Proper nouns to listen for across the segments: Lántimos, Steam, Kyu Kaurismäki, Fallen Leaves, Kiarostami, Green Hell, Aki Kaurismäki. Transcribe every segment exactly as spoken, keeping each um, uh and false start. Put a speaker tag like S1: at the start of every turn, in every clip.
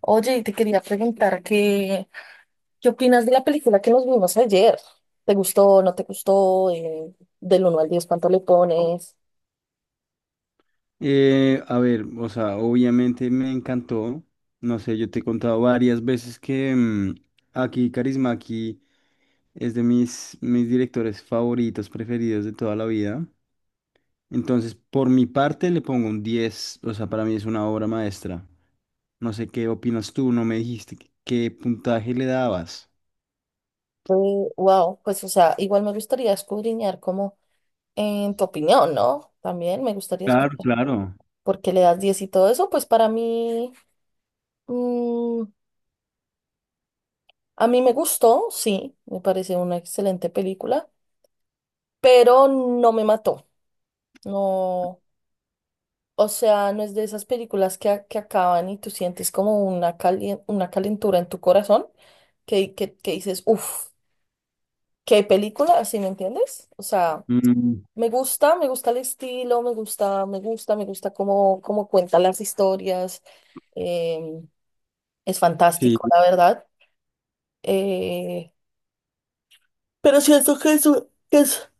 S1: Oye, y te quería preguntar qué, qué opinas de la película que nos vimos ayer. ¿Te gustó, no te gustó? Eh, del uno al diez, ¿cuánto le pones?
S2: Eh, a ver, o sea, obviamente me encantó. No sé, yo te he contado varias veces que mm, Aki Kaurismäki es de mis, mis directores favoritos, preferidos de toda la vida. Entonces, por mi parte, le pongo un diez. O sea, para mí es una obra maestra. No sé qué opinas tú, no me dijiste qué qué puntaje le dabas.
S1: Wow, pues o sea, igual me gustaría escudriñar como en tu opinión, ¿no? También me gustaría
S2: Claro,
S1: escuchar
S2: claro.
S1: por qué le das diez y todo eso. Pues para mí, mm, a mí me gustó, sí, me parece una excelente película, pero no me mató. No. O sea, no es de esas películas que, a- que acaban y tú sientes como una, calien- una calentura en tu corazón que, que, que dices, uff, qué película, ¿así me entiendes? O sea,
S2: Mm,
S1: me gusta, me gusta el estilo, me gusta, me gusta, me gusta cómo, cómo cuenta las historias. Eh, es
S2: sí,
S1: fantástico, la verdad. eh, pero siento que es, un- que es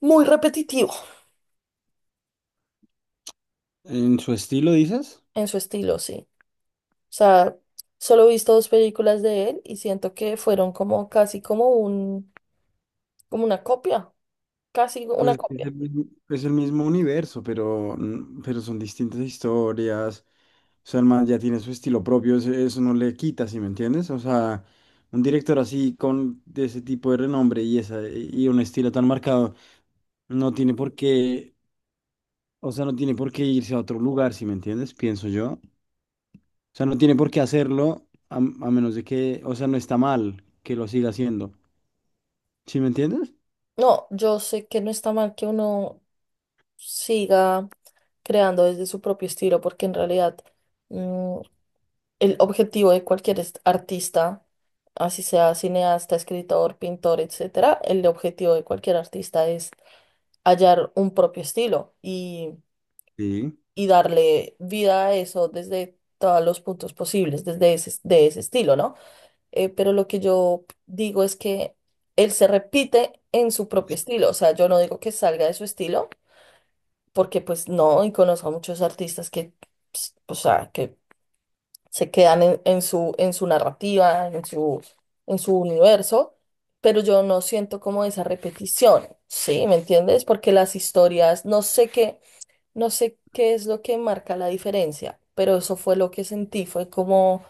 S1: muy repetitivo
S2: en su estilo, dices.
S1: en su estilo, sí. O sea, solo he visto dos películas de él y siento que fueron como casi como un como una copia, casi una
S2: Pues es
S1: copia.
S2: el mismo, es el mismo universo, pero, mm, pero son distintas historias. O sea, el man ya tiene su estilo propio, eso, eso no le quita, ¿sí me entiendes? O sea, un director así con de ese tipo de renombre y esa y un estilo tan marcado no tiene por qué, o sea, no tiene por qué irse a otro lugar, ¿sí me entiendes? Pienso yo. O sea, no tiene por qué hacerlo a, a menos de que, o sea, no está mal que lo siga haciendo. ¿Sí me entiendes?
S1: No, yo sé que no está mal que uno siga creando desde su propio estilo, porque en realidad, mm, el objetivo de cualquier est- artista, así sea cineasta, escritor, pintor, etcétera, el objetivo de cualquier artista es hallar un propio estilo y,
S2: Sí,
S1: y darle vida a eso desde todos los puntos posibles, desde ese, de ese estilo, ¿no? eh, pero lo que yo digo es que él se repite en su propio estilo, o sea, yo no digo que salga de su estilo, porque pues no, y conozco a muchos artistas que, ps, o sea, que se quedan en, en su, en su narrativa, en su, en su universo, pero yo no siento como esa repetición, ¿sí? ¿Me entiendes? Porque las historias, no sé qué, no sé qué es lo que marca la diferencia, pero eso fue lo que sentí, fue como,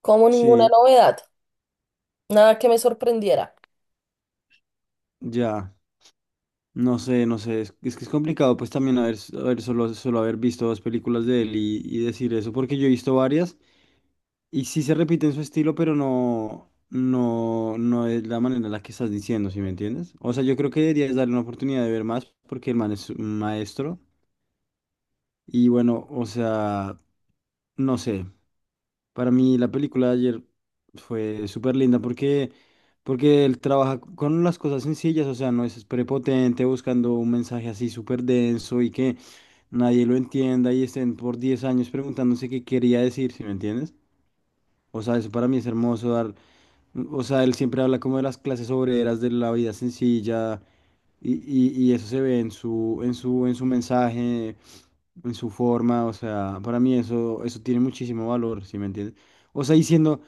S1: como ninguna
S2: sí,
S1: novedad, nada que me sorprendiera.
S2: ya. No sé, no sé, es, es que es complicado pues también haber, haber solo, solo haber visto dos películas de él y, y decir eso, porque yo he visto varias. Y sí se repite en su estilo, pero no, no, no es la manera en la que estás diciendo, ¿sí me entiendes? O sea, yo creo que deberías darle una oportunidad de ver más porque el man es un maestro. Y bueno, o sea, no sé. Para mí la película de ayer fue súper linda porque, porque él trabaja con las cosas sencillas, o sea, no es prepotente buscando un mensaje así súper denso y que nadie lo entienda y estén por diez años preguntándose qué quería decir, ¿sí me entiendes? O sea, eso para mí es hermoso dar o sea, él siempre habla como de las clases obreras, de la vida sencilla, y, y- y eso se ve en su, en su, en su mensaje, en su forma, o sea, para mí eso, eso tiene muchísimo valor, ¿sí me entiendes? O sea, diciendo,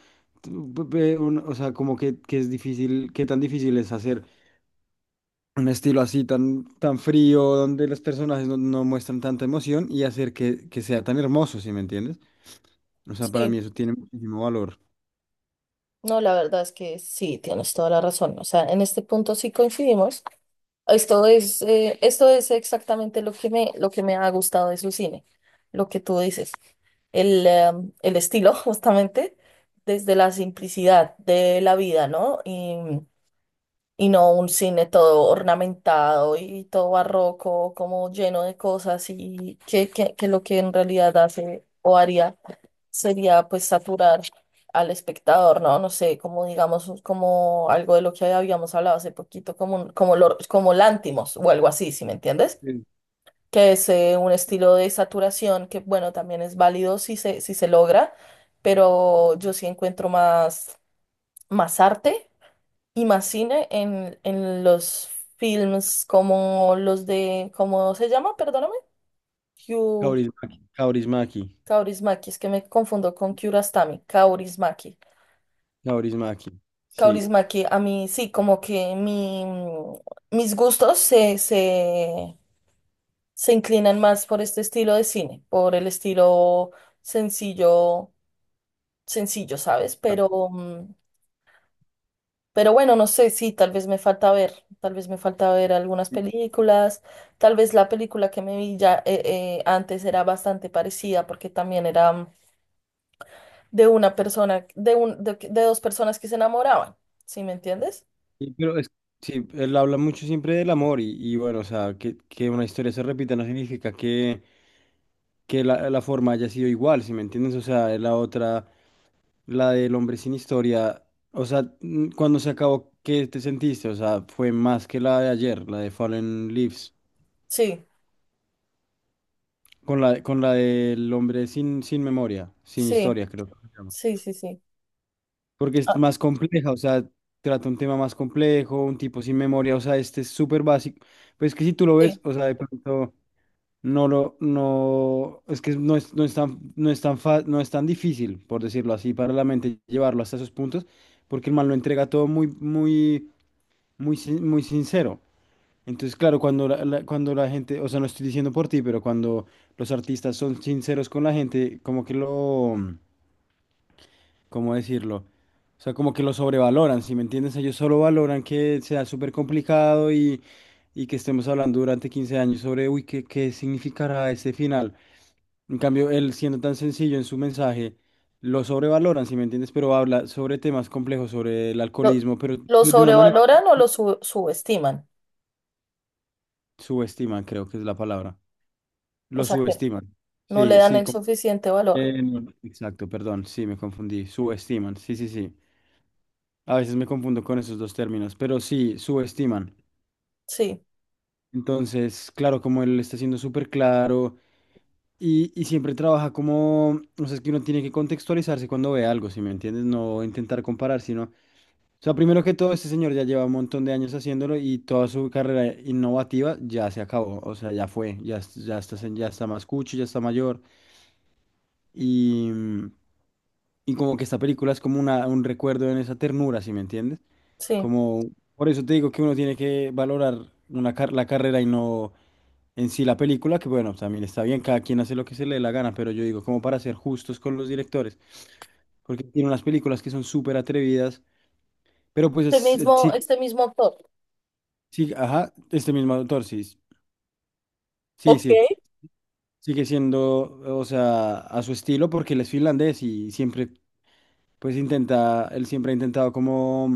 S2: o sea, como que, que es difícil, qué tan difícil es hacer un estilo así tan, tan frío, donde los personajes no, no muestran tanta emoción y hacer que, que sea tan hermoso, ¿sí me entiendes? O sea, para mí
S1: Sí,
S2: eso tiene muchísimo valor.
S1: no, la verdad es que sí, tienes toda la razón. O sea, en este punto sí coincidimos. Esto es, eh, esto es exactamente lo que me, lo que me ha gustado de su cine, lo que tú dices. El, em, el estilo, justamente, desde la simplicidad de la vida, ¿no? Y no un cine todo ornamentado y todo barroco, como lleno de cosas y que, que, que lo que en realidad hace o haría sería pues saturar al espectador, ¿no? No sé, como digamos, como algo de lo que habíamos hablado hace poquito, como, un- como, lo- como Lántimos o algo así, ¿si me entiendes?
S2: Sí.
S1: Que es eh, un estilo de saturación que, bueno, también es válido si se, si se logra, pero yo sí encuentro más, más arte y más cine en, en los films como los de, ¿cómo se llama? Perdóname. Kyu
S2: Kaurismäki, Kaurismäki.
S1: Kaurismäki, es que me confundo con Kiarostami, Kaurismäki.
S2: Kaurismäki, sí.
S1: Kaurismäki, a mí sí, como que mi, mm, mis gustos se, se, se inclinan más por este estilo de cine, por el estilo sencillo, sencillo, ¿sabes?
S2: Ah.
S1: Pero, mm, Pero bueno, no sé, sí, tal vez me falta ver, tal vez me falta ver algunas películas, tal vez la película que me vi ya, eh, eh, antes era bastante parecida porque también era, mm, de una persona, de un, de, de dos personas que se enamoraban, ¿sí me entiendes?
S2: Sí, pero es- sí, él habla mucho siempre del amor y, y bueno, o sea, que, que una historia se repita no significa que, que la, la forma haya sido igual, ¿si me entiendes? O sea, la otra, la del hombre sin historia, o sea, mm, cuando se acabó, ¿qué te sentiste? O sea, fue más que la de ayer, la de Fallen Leaves,
S1: Sí,
S2: con la, con la del hombre sin, sin memoria, sin
S1: sí,
S2: historia, creo que se llama,
S1: sí, sí, sí.
S2: porque es
S1: Ah,
S2: más compleja, o sea, trata un tema más complejo, un tipo sin memoria, o sea, este es súper básico. Pues que si tú lo
S1: sí.
S2: ves, o sea, de pronto no lo, no, es que no es, no es tan, no es tan fa- no es tan difícil, por decirlo así, para la mente llevarlo hasta esos puntos, porque el man lo entrega todo muy, muy, muy, sin- muy sincero. Entonces, claro, cuando la, la- cuando la gente, o sea, no estoy diciendo por ti, pero cuando los artistas son sinceros con la gente, como que lo, ¿cómo decirlo? O sea, como que lo sobrevaloran, ¿si me entiendes? Ellos solo valoran que sea súper complicado y, y que estemos hablando durante quince años sobre, uy, ¿qué, qué significará este final? En cambio, él siendo tan sencillo en su mensaje, lo sobrevaloran, ¿si me entiendes? Pero habla sobre temas complejos, sobre el
S1: Lo,
S2: alcoholismo, pero
S1: lo
S2: de una manera
S1: sobrevaloran o lo su- subestiman,
S2: subestiman, creo que es la palabra.
S1: o
S2: Lo
S1: sea que
S2: subestiman.
S1: no le
S2: Sí,
S1: dan
S2: sí,
S1: el
S2: com-
S1: suficiente valor.
S2: eh, no, exacto, perdón, sí, me confundí. Subestiman, sí, sí, sí. A veces me confundo con esos dos términos, pero sí, subestiman.
S1: Sí,
S2: Entonces, claro, como él está siendo súper claro y, y siempre trabaja como, o sea, es que uno tiene que contextualizarse cuando ve algo, ¿si me entiendes? No intentar comparar, sino, o sea, primero que todo, este señor ya lleva un montón de años haciéndolo y toda su carrera innovativa ya se acabó, o sea, ya fue, ya, es- ya está, sen- ya está más cucho, ya está mayor y... Y como que esta película es como una, un recuerdo en esa ternura, ¿sí me entiendes?
S1: sí.
S2: Como, por eso te digo que uno tiene que valorar una car- la carrera y no en sí la película, que bueno, también está bien, cada quien hace lo que se le dé la gana, pero yo digo, como para ser justos con los directores, porque tiene unas películas que son súper atrevidas, pero pues
S1: Este
S2: es- eh,
S1: mismo,
S2: sí,
S1: este mismo actor.
S2: sí, ajá, este mismo autor, sí, sí,
S1: Ok.
S2: sí, sigue siendo, o sea, a su estilo, porque él es finlandés y siempre pues intenta, él siempre ha intentado como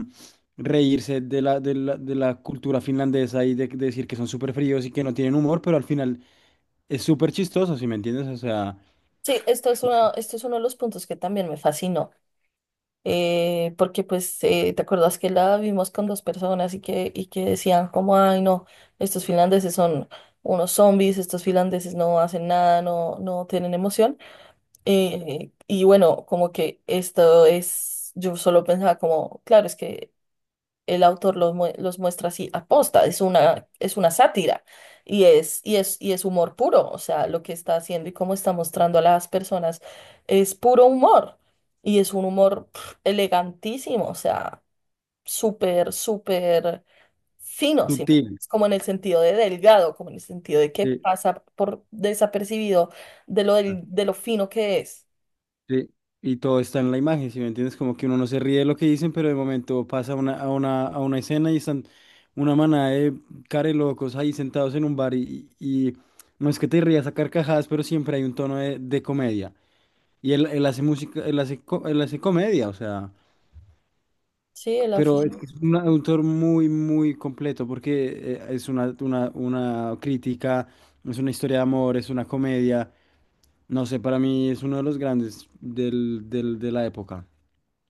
S2: reírse de la, de la, de la cultura finlandesa y de, de decir que son súper fríos y que no tienen humor, pero al final es súper chistoso, ¿si me entiendes? O sea,
S1: Sí, esto es uno, esto es uno de los puntos que también me fascinó, eh, porque pues eh, te acuerdas que la vimos con dos personas y que, y que decían como, ay no, estos finlandeses son unos zombies, estos finlandeses no hacen nada, no, no tienen emoción. Eh, y bueno, como que esto es, yo solo pensaba como, claro, es que el autor los, mue- los muestra así aposta, es una, es una sátira y es, y es, y es humor puro, o sea, lo que está haciendo y cómo está mostrando a las personas es puro humor y es un humor pf, elegantísimo, o sea, súper, súper fino, ¿sí me entiendes?
S2: sutil,
S1: Como en el sentido de delgado, como en el sentido de que
S2: sí,
S1: pasa por desapercibido de lo,
S2: ah,
S1: del- de lo fino que es.
S2: sí. Y todo está en la imagen, ¿si me entiendes? Como que uno no se ríe de lo que dicen, pero de momento pasa a una, a una, a una escena y están una manada de locos ahí sentados en un bar y, y y no es que te rías a carcajadas, pero siempre hay un tono de, de comedia. Y él, él hace música, él hace, co- él hace comedia, o sea.
S1: Sí, él hace.
S2: Pero es que es un autor muy, muy completo porque eh, es una, una, una crítica, es una historia de amor, es una comedia. No sé, para mí es uno de los grandes del, del- de la época,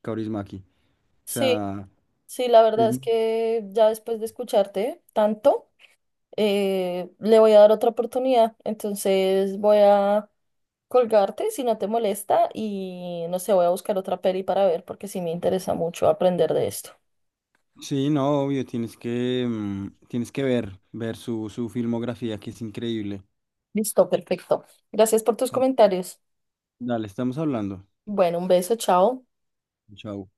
S2: Kaurismäki. O
S1: Sí,
S2: sea,
S1: sí, la verdad
S2: es-
S1: es que ya después de escucharte tanto, eh, le voy a dar otra oportunidad. Entonces voy a colgarte si no te molesta y no sé, voy a buscar otra peli para ver porque sí me interesa mucho aprender de esto.
S2: sí, no, obvio, tienes que, mm, tienes que ver, ver su, su filmografía que es increíble.
S1: Listo, perfecto. Gracias por tus comentarios.
S2: Dale, estamos hablando.
S1: Bueno, un beso, chao.
S2: Chao.